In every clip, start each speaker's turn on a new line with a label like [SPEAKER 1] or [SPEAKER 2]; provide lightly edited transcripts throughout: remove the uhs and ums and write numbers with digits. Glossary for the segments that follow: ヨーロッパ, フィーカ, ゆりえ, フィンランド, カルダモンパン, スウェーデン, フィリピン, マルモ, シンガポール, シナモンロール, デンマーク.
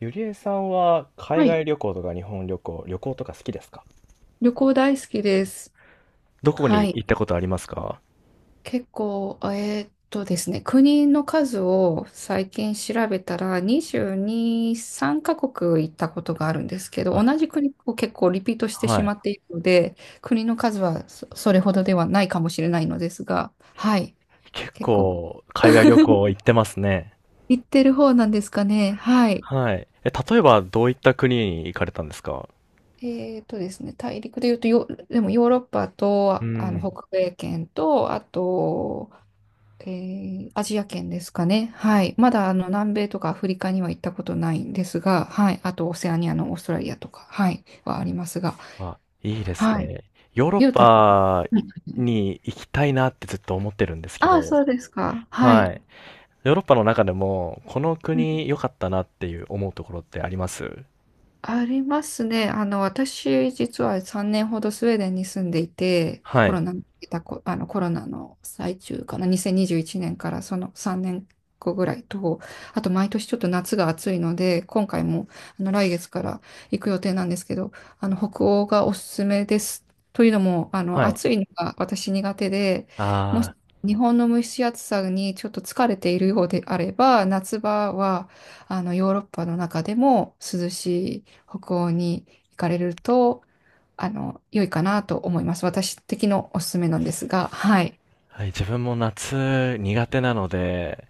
[SPEAKER 1] ゆりえさんは海
[SPEAKER 2] はい。
[SPEAKER 1] 外旅行とか日本旅行、旅行とか好きですか？
[SPEAKER 2] 旅行大好きです。
[SPEAKER 1] どこ
[SPEAKER 2] は
[SPEAKER 1] に
[SPEAKER 2] い。
[SPEAKER 1] 行ったことありますか？
[SPEAKER 2] 結構、ですね、国の数を最近調べたら、22、3カ国行ったことがあるんですけど、
[SPEAKER 1] はい。
[SPEAKER 2] 同じ国を結構リピートして
[SPEAKER 1] は
[SPEAKER 2] しま
[SPEAKER 1] い。
[SPEAKER 2] っているので、国の数はそ、それほどではないかもしれないのですが、はい。
[SPEAKER 1] 結
[SPEAKER 2] 結構、
[SPEAKER 1] 構海外旅行行ってますね。
[SPEAKER 2] 行ってる方なんですかね。はい。
[SPEAKER 1] はい。例えばどういった国に行かれたんですか？
[SPEAKER 2] えですね、大陸で言うとよ、でもヨーロッパと、
[SPEAKER 1] う
[SPEAKER 2] あの
[SPEAKER 1] ん。
[SPEAKER 2] 北米圏と、あと、アジア圏ですかね。はい。まだあの南米とかアフリカには行ったことないんですが、はい。あとオセアニアのオーストラリアとか、はい、はありますが、
[SPEAKER 1] あ、いいです
[SPEAKER 2] はい。
[SPEAKER 1] ね。ヨーロッ
[SPEAKER 2] ゆうた、
[SPEAKER 1] パに行きたいなってずっと思ってるんですけ
[SPEAKER 2] ああー、
[SPEAKER 1] ど、
[SPEAKER 2] そうですか。はい。
[SPEAKER 1] はい。ヨーロッパの中でもこの国良かったなっていう思うところってあります？
[SPEAKER 2] ありますね。あの、私、実は3年ほどスウェーデンに住んでいて、
[SPEAKER 1] は
[SPEAKER 2] コ
[SPEAKER 1] い。
[SPEAKER 2] ロナの、あのコロナの最中かな、2021年からその3年後ぐらいと、あと毎年ちょっと夏が暑いので、今回もあの来月から行く予定なんですけど、あの北欧がおすすめです。というのも、あの
[SPEAKER 1] はい。
[SPEAKER 2] 暑いのが私苦手で、もし
[SPEAKER 1] あ、
[SPEAKER 2] 日本の蒸し暑さにちょっと疲れているようであれば、夏場はあのヨーロッパの中でも涼しい。北欧に行かれると、あの、良いかなと思います。私的のおすすめなんですが、はい。
[SPEAKER 1] はい、自分も夏苦手なので、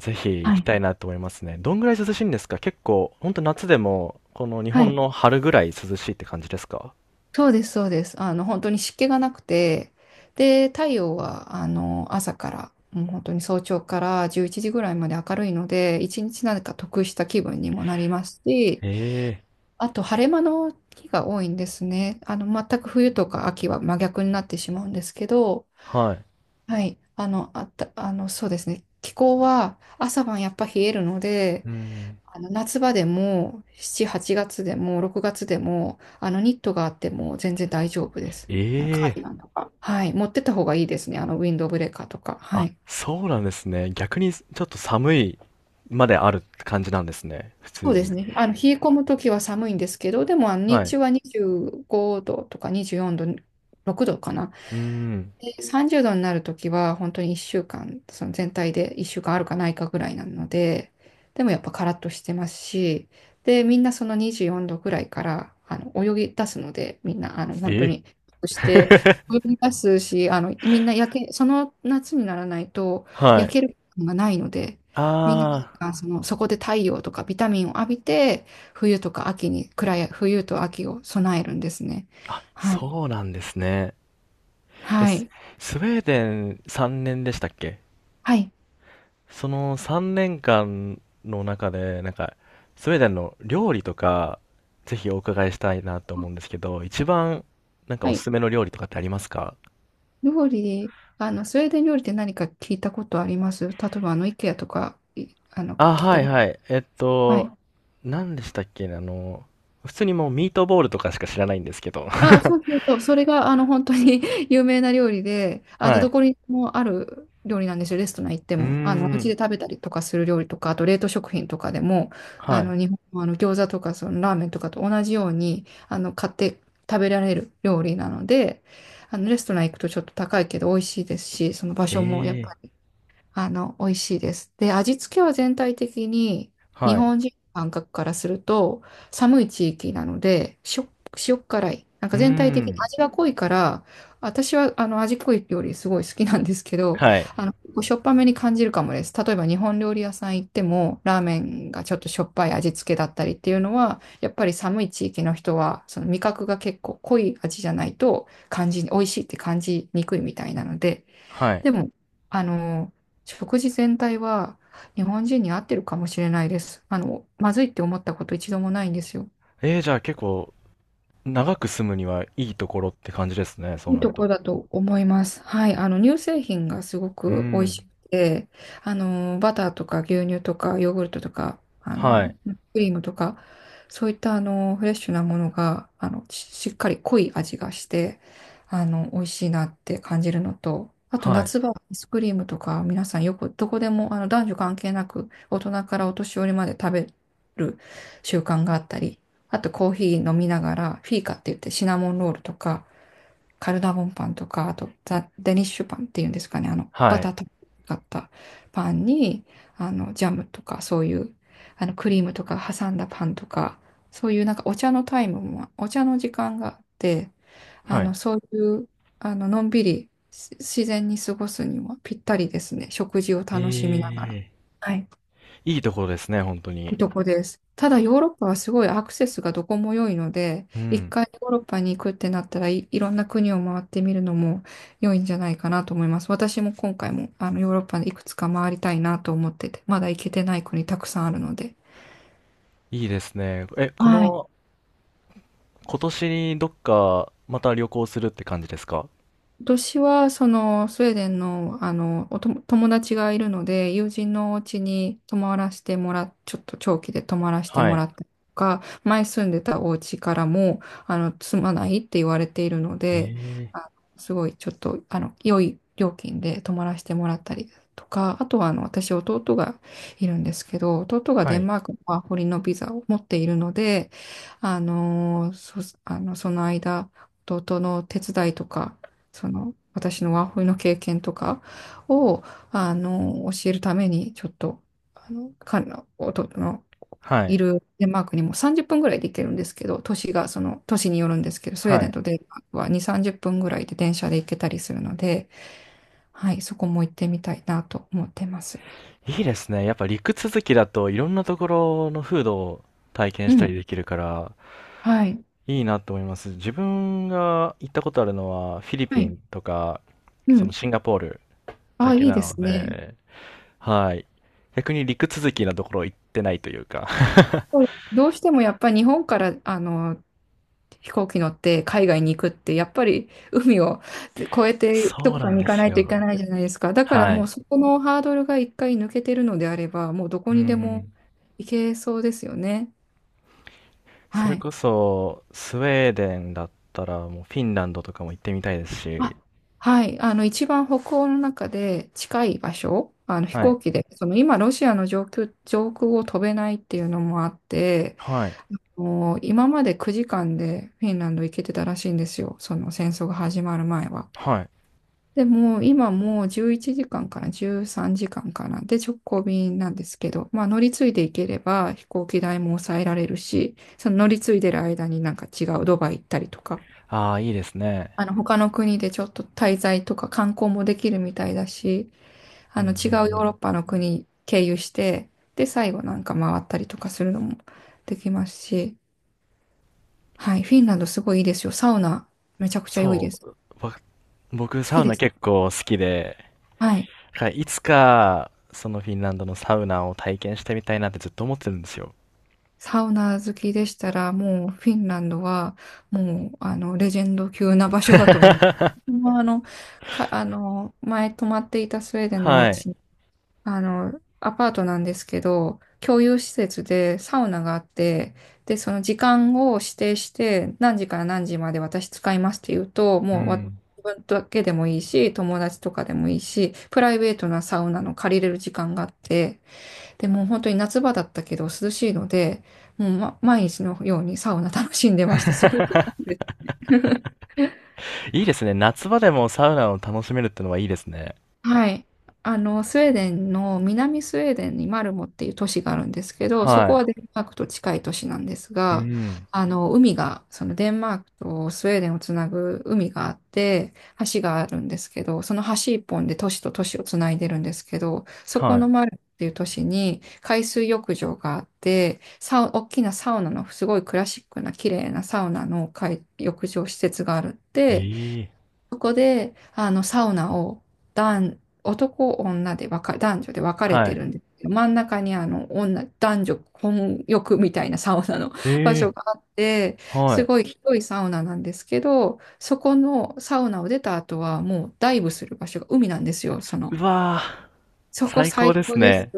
[SPEAKER 1] ぜひ
[SPEAKER 2] は
[SPEAKER 1] 行き
[SPEAKER 2] い。
[SPEAKER 1] たいなと思いますね。どんぐらい涼しいんですか？結構、ほんと夏でも、この日
[SPEAKER 2] は
[SPEAKER 1] 本
[SPEAKER 2] い。
[SPEAKER 1] の春ぐらい涼しいって感じですか？
[SPEAKER 2] そうです、そうです。あの、本当に湿気がなくて、で、太陽は、あの、朝から、もう本当に早朝から11時ぐらいまで明るいので、一日なんか得した気分にもなりますし、
[SPEAKER 1] ええ。
[SPEAKER 2] あと、晴れ間の日が多いんですね。あの、全く冬とか秋は真逆になってしまうんですけど、
[SPEAKER 1] はい。
[SPEAKER 2] はい。あの、あった、あの、そうですね。気候は朝晩やっぱ冷えるので、
[SPEAKER 1] うん。
[SPEAKER 2] あの夏場でも7、8月でも6月でも、あのニットがあっても全然大丈夫です。あのカー
[SPEAKER 1] え
[SPEAKER 2] ディ
[SPEAKER 1] え。
[SPEAKER 2] ガンとか。はい。持ってった方がいいですね。あのウィンドブレーカーとか。は
[SPEAKER 1] あ、
[SPEAKER 2] い。
[SPEAKER 1] そうなんですね。逆にちょっと寒いまである感じなんですね。普
[SPEAKER 2] そ
[SPEAKER 1] 通
[SPEAKER 2] うです
[SPEAKER 1] に。
[SPEAKER 2] ね。あの、冷え込むときは寒いんですけど、でもあの日
[SPEAKER 1] はい。
[SPEAKER 2] 中は25度とか24度、6度かな。
[SPEAKER 1] うーん。
[SPEAKER 2] で、30度になるときは本当に1週間、その全体で1週間あるかないかぐらいなので、でもやっぱカラッとしてますし、で、みんなその24度ぐらいからあの泳ぎ出すので、みんなあの本当
[SPEAKER 1] ええ。
[SPEAKER 2] に、そして 泳ぎ出すし、あのみんな焼け、その夏にならないと
[SPEAKER 1] は
[SPEAKER 2] 焼
[SPEAKER 1] い。
[SPEAKER 2] ける感がないので、
[SPEAKER 1] あ
[SPEAKER 2] みんな
[SPEAKER 1] あ、
[SPEAKER 2] 間その、そこで太陽とかビタミンを浴びて、冬とか秋に、暗い、冬と秋を備えるんですね。はい。
[SPEAKER 1] そうなんですね。え、
[SPEAKER 2] は
[SPEAKER 1] ス
[SPEAKER 2] い。
[SPEAKER 1] スウェーデン3年でしたっけ？
[SPEAKER 2] はい。
[SPEAKER 1] その3年間の中で、なんか、スウェーデンの料理とか、ぜひお伺いしたいなと思うんですけど、一番、なんか
[SPEAKER 2] は
[SPEAKER 1] おす
[SPEAKER 2] い。
[SPEAKER 1] すめの料理とかってありますか？
[SPEAKER 2] 料理、あの、スウェーデン料理って何か聞いたことあります例えば、あの、イケアとか、あの、
[SPEAKER 1] あ、
[SPEAKER 2] 聞い
[SPEAKER 1] は
[SPEAKER 2] た
[SPEAKER 1] い
[SPEAKER 2] こと。
[SPEAKER 1] はい。
[SPEAKER 2] はい
[SPEAKER 1] 何でしたっけね、普通にもうミートボールとかしか知らないんですけど。
[SPEAKER 2] あ、そうそうそう。それが、あの、本当に 有名な料理で、あの、
[SPEAKER 1] は
[SPEAKER 2] ど
[SPEAKER 1] い。
[SPEAKER 2] こにもある料理なんですよ。レストラン行って
[SPEAKER 1] うー
[SPEAKER 2] も。あの、お家
[SPEAKER 1] ん。
[SPEAKER 2] で食べたりとかする料理とか、あと冷凍食品とかでも、あ
[SPEAKER 1] はい。
[SPEAKER 2] の、日本のあの餃子とか、そのラーメンとかと同じように、あの、買って食べられる料理なので、あの、レストラン行くとちょっと高いけど美味しいですし、その場
[SPEAKER 1] え
[SPEAKER 2] 所もやっぱ
[SPEAKER 1] え。
[SPEAKER 2] りあの、美味しいです。で、味付けは全体的に日
[SPEAKER 1] はい。
[SPEAKER 2] 本人の感覚からすると寒い地域なので、塩辛い。なん
[SPEAKER 1] う
[SPEAKER 2] か
[SPEAKER 1] ー
[SPEAKER 2] 全体的に
[SPEAKER 1] ん。
[SPEAKER 2] 味が濃いから、私はあの味濃い料理すごい好きなんですけど、
[SPEAKER 1] はい。
[SPEAKER 2] あの、結構しょっぱめに感じるかもです。例えば日本料理屋さん行っても、ラーメンがちょっとしょっぱい味付けだったりっていうのは、やっぱり寒い地域の人は、その味覚が結構濃い味じゃないと感じ、美味しいって感じにくいみたいなので、
[SPEAKER 1] はい。
[SPEAKER 2] でも、あの、食事全体は日本人に合ってるかもしれないです。あの、まずいって思ったこと一度もないんですよ。
[SPEAKER 1] ええ、じゃあ結構、長く住むにはいいところって感じですね、そう
[SPEAKER 2] いい
[SPEAKER 1] なる
[SPEAKER 2] とこ
[SPEAKER 1] と。
[SPEAKER 2] だと思います。はい。あの、乳製品がすご
[SPEAKER 1] うー
[SPEAKER 2] く美味し
[SPEAKER 1] ん。
[SPEAKER 2] くて、あの、バターとか牛乳とかヨーグルトとか、あ
[SPEAKER 1] は
[SPEAKER 2] の、
[SPEAKER 1] い。
[SPEAKER 2] クリームとか、そういったあの、フレッシュなものが、あの、しっかり濃い味がして、あの、美味しいなって感じるのと、あと
[SPEAKER 1] はい。
[SPEAKER 2] 夏場、アイスクリームとか、皆さんよくどこでも、あの、男女関係なく、大人からお年寄りまで食べる習慣があったり、あとコーヒー飲みながら、フィーカって言ってシナモンロールとか、カルダモンパンとか、あとザ・デニッシュパンっていうんですかね、あの、バ
[SPEAKER 1] はい。
[SPEAKER 2] ターとかったパンに、あの、ジャムとか、そういう、あの、クリームとか挟んだパンとか、そういうなんかお茶のタイムも、お茶の時間があって、あ
[SPEAKER 1] はい。
[SPEAKER 2] の、そういう、あの、のんびりし自然に過ごすにはぴったりですね。食事を
[SPEAKER 1] え
[SPEAKER 2] 楽しみながら。
[SPEAKER 1] え、
[SPEAKER 2] はい。
[SPEAKER 1] いいところですね、本当
[SPEAKER 2] いい
[SPEAKER 1] に。
[SPEAKER 2] とこです。ただヨーロッパはすごいアクセスがどこも良いので、
[SPEAKER 1] う
[SPEAKER 2] 一
[SPEAKER 1] ん。
[SPEAKER 2] 回ヨーロッパに行くってなったらい、いろんな国を回ってみるのも良いんじゃないかなと思います。私も今回もあのヨーロッパでいくつか回りたいなと思ってて、まだ行けてない国たくさんあるので。
[SPEAKER 1] いいですね。こ
[SPEAKER 2] はい。
[SPEAKER 1] の、今年にどっか、また旅行するって感じですか？
[SPEAKER 2] 私は、その、スウェーデンの、あの、おとも友達がいるので、友人のお家に泊まらせてもらっ、ちょっと長期で泊まらせて
[SPEAKER 1] は
[SPEAKER 2] も
[SPEAKER 1] い。
[SPEAKER 2] らったりとか、前住んでたお家からも、あの、住まないって言われているの
[SPEAKER 1] え
[SPEAKER 2] で、
[SPEAKER 1] え、
[SPEAKER 2] あすごい、ちょっと、あの、良い料金で泊まらせてもらったりとか、あとは、あの、私、弟がいるんですけど、弟が
[SPEAKER 1] は
[SPEAKER 2] デン
[SPEAKER 1] い。
[SPEAKER 2] マークのワーホリのビザを持っているので、あの、その間、弟の手伝いとか、その、私のワーホリの経験とかを、あの、教えるために、ちょっと、あの、弟の
[SPEAKER 1] は
[SPEAKER 2] い
[SPEAKER 1] い。
[SPEAKER 2] るデンマークにも30分ぐらいで行けるんですけど、都市が、その、都市によるんですけど、スウェー
[SPEAKER 1] は
[SPEAKER 2] デン
[SPEAKER 1] い。
[SPEAKER 2] とデンマークは2、30分ぐらいで電車で行けたりするので、はい、そこも行ってみたいなと思ってます。
[SPEAKER 1] いいですね。やっぱ陸続きだといろんなところの風土を体験
[SPEAKER 2] う
[SPEAKER 1] したり
[SPEAKER 2] ん、
[SPEAKER 1] できるから、
[SPEAKER 2] はい、
[SPEAKER 1] いいなと思います。自分が行ったことあるのは、フィリ
[SPEAKER 2] は
[SPEAKER 1] ピ
[SPEAKER 2] い、
[SPEAKER 1] ンとか、
[SPEAKER 2] う
[SPEAKER 1] その
[SPEAKER 2] ん。
[SPEAKER 1] シンガポール
[SPEAKER 2] あ
[SPEAKER 1] だ
[SPEAKER 2] あ、
[SPEAKER 1] け
[SPEAKER 2] いい
[SPEAKER 1] な
[SPEAKER 2] で
[SPEAKER 1] の
[SPEAKER 2] すね。
[SPEAKER 1] で、はい。逆に陸続きなところ行ってないというか。
[SPEAKER 2] どうしてもやっぱり日本から、あの、飛行機乗って海外に行くって、やっぱり海を越えてど
[SPEAKER 1] そう
[SPEAKER 2] こ
[SPEAKER 1] な
[SPEAKER 2] か
[SPEAKER 1] ん
[SPEAKER 2] に行
[SPEAKER 1] で
[SPEAKER 2] かな
[SPEAKER 1] す
[SPEAKER 2] いといけ
[SPEAKER 1] よ。
[SPEAKER 2] ないじゃないですか。だから
[SPEAKER 1] は
[SPEAKER 2] もう
[SPEAKER 1] い。
[SPEAKER 2] そこのハードルが一回抜けてるのであれば、もうどこ
[SPEAKER 1] う
[SPEAKER 2] にでも
[SPEAKER 1] ん。
[SPEAKER 2] 行けそうですよね。
[SPEAKER 1] そ
[SPEAKER 2] は
[SPEAKER 1] れ
[SPEAKER 2] い。
[SPEAKER 1] こそ、スウェーデンだったら、もうフィンランドとかも行ってみたいですし。
[SPEAKER 2] あ、はい。あの、一番北欧の中で近い場所、あの飛
[SPEAKER 1] はい。
[SPEAKER 2] 行機で、その今ロシアの上空を飛べないっていうのもあって、
[SPEAKER 1] はい。
[SPEAKER 2] もう今まで9時間でフィンランド行けてたらしいんですよ。その戦争が始まる前は。
[SPEAKER 1] はい。
[SPEAKER 2] でも、今もう11時間かんから13時間かんかな。で、直行便なんですけど、まあ乗り継いでいければ飛行機代も抑えられるし、その乗り継いでる間になんか違うドバイ行ったりとか、
[SPEAKER 1] ああ、いいですね。
[SPEAKER 2] あの他の国でちょっと滞在とか観光もできるみたいだし、
[SPEAKER 1] う
[SPEAKER 2] あ
[SPEAKER 1] んうん
[SPEAKER 2] の
[SPEAKER 1] う
[SPEAKER 2] 違うヨーロッ
[SPEAKER 1] ん。
[SPEAKER 2] パの国経由して、で、最後なんか回ったりとかするのもできますし、はい、フィンランドすごいいいですよ。サウナめちゃくちゃ良いで
[SPEAKER 1] そ
[SPEAKER 2] す。
[SPEAKER 1] う。わ僕、
[SPEAKER 2] 好
[SPEAKER 1] サ
[SPEAKER 2] き
[SPEAKER 1] ウ
[SPEAKER 2] で
[SPEAKER 1] ナ
[SPEAKER 2] すか？
[SPEAKER 1] 結構好きで、
[SPEAKER 2] はい。
[SPEAKER 1] だからいつか、そのフィンランドのサウナを体験してみたいなってずっと思ってるんですよ。
[SPEAKER 2] サウナ好きでしたら、もうフィンランドは、もう、あの、レジェンド級な場所だと思う。まあ、あの、前泊まっていたスウェーデンのお
[SPEAKER 1] はい。
[SPEAKER 2] 家、あの、アパートなんですけど、共有施設でサウナがあって、で、その時間を指定して、何時から何時まで私使いますって言うと、
[SPEAKER 1] う
[SPEAKER 2] もうわ
[SPEAKER 1] ん。
[SPEAKER 2] 自分だけでもいいし、友達とかでもいいし、プライベートなサウナの借りれる時間があって、でも本当に夏場だったけど涼しいので、もう、毎日のようにサウナ楽しんでました。すごい。
[SPEAKER 1] いいですね。夏場でもサウナを楽しめるってのはいいですね。
[SPEAKER 2] はい。あの、スウェーデンの南スウェーデンにマルモっていう都市があるんですけど、そ
[SPEAKER 1] は
[SPEAKER 2] こ
[SPEAKER 1] い。
[SPEAKER 2] はデンマークと近い都市なんです
[SPEAKER 1] う
[SPEAKER 2] が、
[SPEAKER 1] ん。
[SPEAKER 2] あの、海が、そのデンマークとスウェーデンをつなぐ海があって、橋があるんですけど、その橋一本で都市と都市をつないでるんですけど、そこ
[SPEAKER 1] は
[SPEAKER 2] のマルモっていう都市に海水浴場があって、大きなサウナのすごいクラシックな綺麗なサウナの海浴場施設があるっ
[SPEAKER 1] い。
[SPEAKER 2] て、
[SPEAKER 1] ええ。
[SPEAKER 2] そこで、あの、サウナを男、男、女で分か、男女で分かれ
[SPEAKER 1] は
[SPEAKER 2] てる
[SPEAKER 1] い。
[SPEAKER 2] んですけど、真ん中にあの、男女混浴みたいなサウナの 場
[SPEAKER 1] え
[SPEAKER 2] 所
[SPEAKER 1] え、
[SPEAKER 2] があって、す
[SPEAKER 1] は
[SPEAKER 2] ごい広いサウナなんですけど、そこのサウナを出た後はもうダイブする場所が海なんですよ、そ
[SPEAKER 1] い。
[SPEAKER 2] の。
[SPEAKER 1] うわー、
[SPEAKER 2] そこ
[SPEAKER 1] 最高
[SPEAKER 2] 最
[SPEAKER 1] で
[SPEAKER 2] 高
[SPEAKER 1] す
[SPEAKER 2] です。
[SPEAKER 1] ね。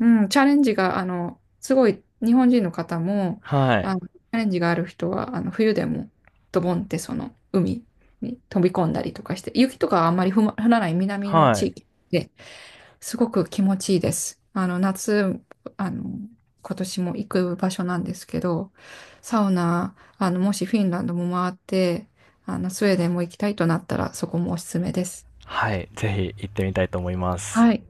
[SPEAKER 2] うん、チャレンジが、あの、すごい日本人の方も、
[SPEAKER 1] は
[SPEAKER 2] あ
[SPEAKER 1] い。
[SPEAKER 2] の、チャレンジがある人は、あの、冬でもドボンってその海に飛び込んだりとかして、雪とかはあんまり降らない南の
[SPEAKER 1] は
[SPEAKER 2] 地
[SPEAKER 1] い。
[SPEAKER 2] 域ですごく気持ちいいです。あの、夏、あの、今年も行く場所なんですけど、サウナ、あの、もしフィンランドも回って、あの、スウェーデンも行きたいとなったら、そこもおすすめです。
[SPEAKER 1] はい、ぜひ行ってみたいと思います。
[SPEAKER 2] はい。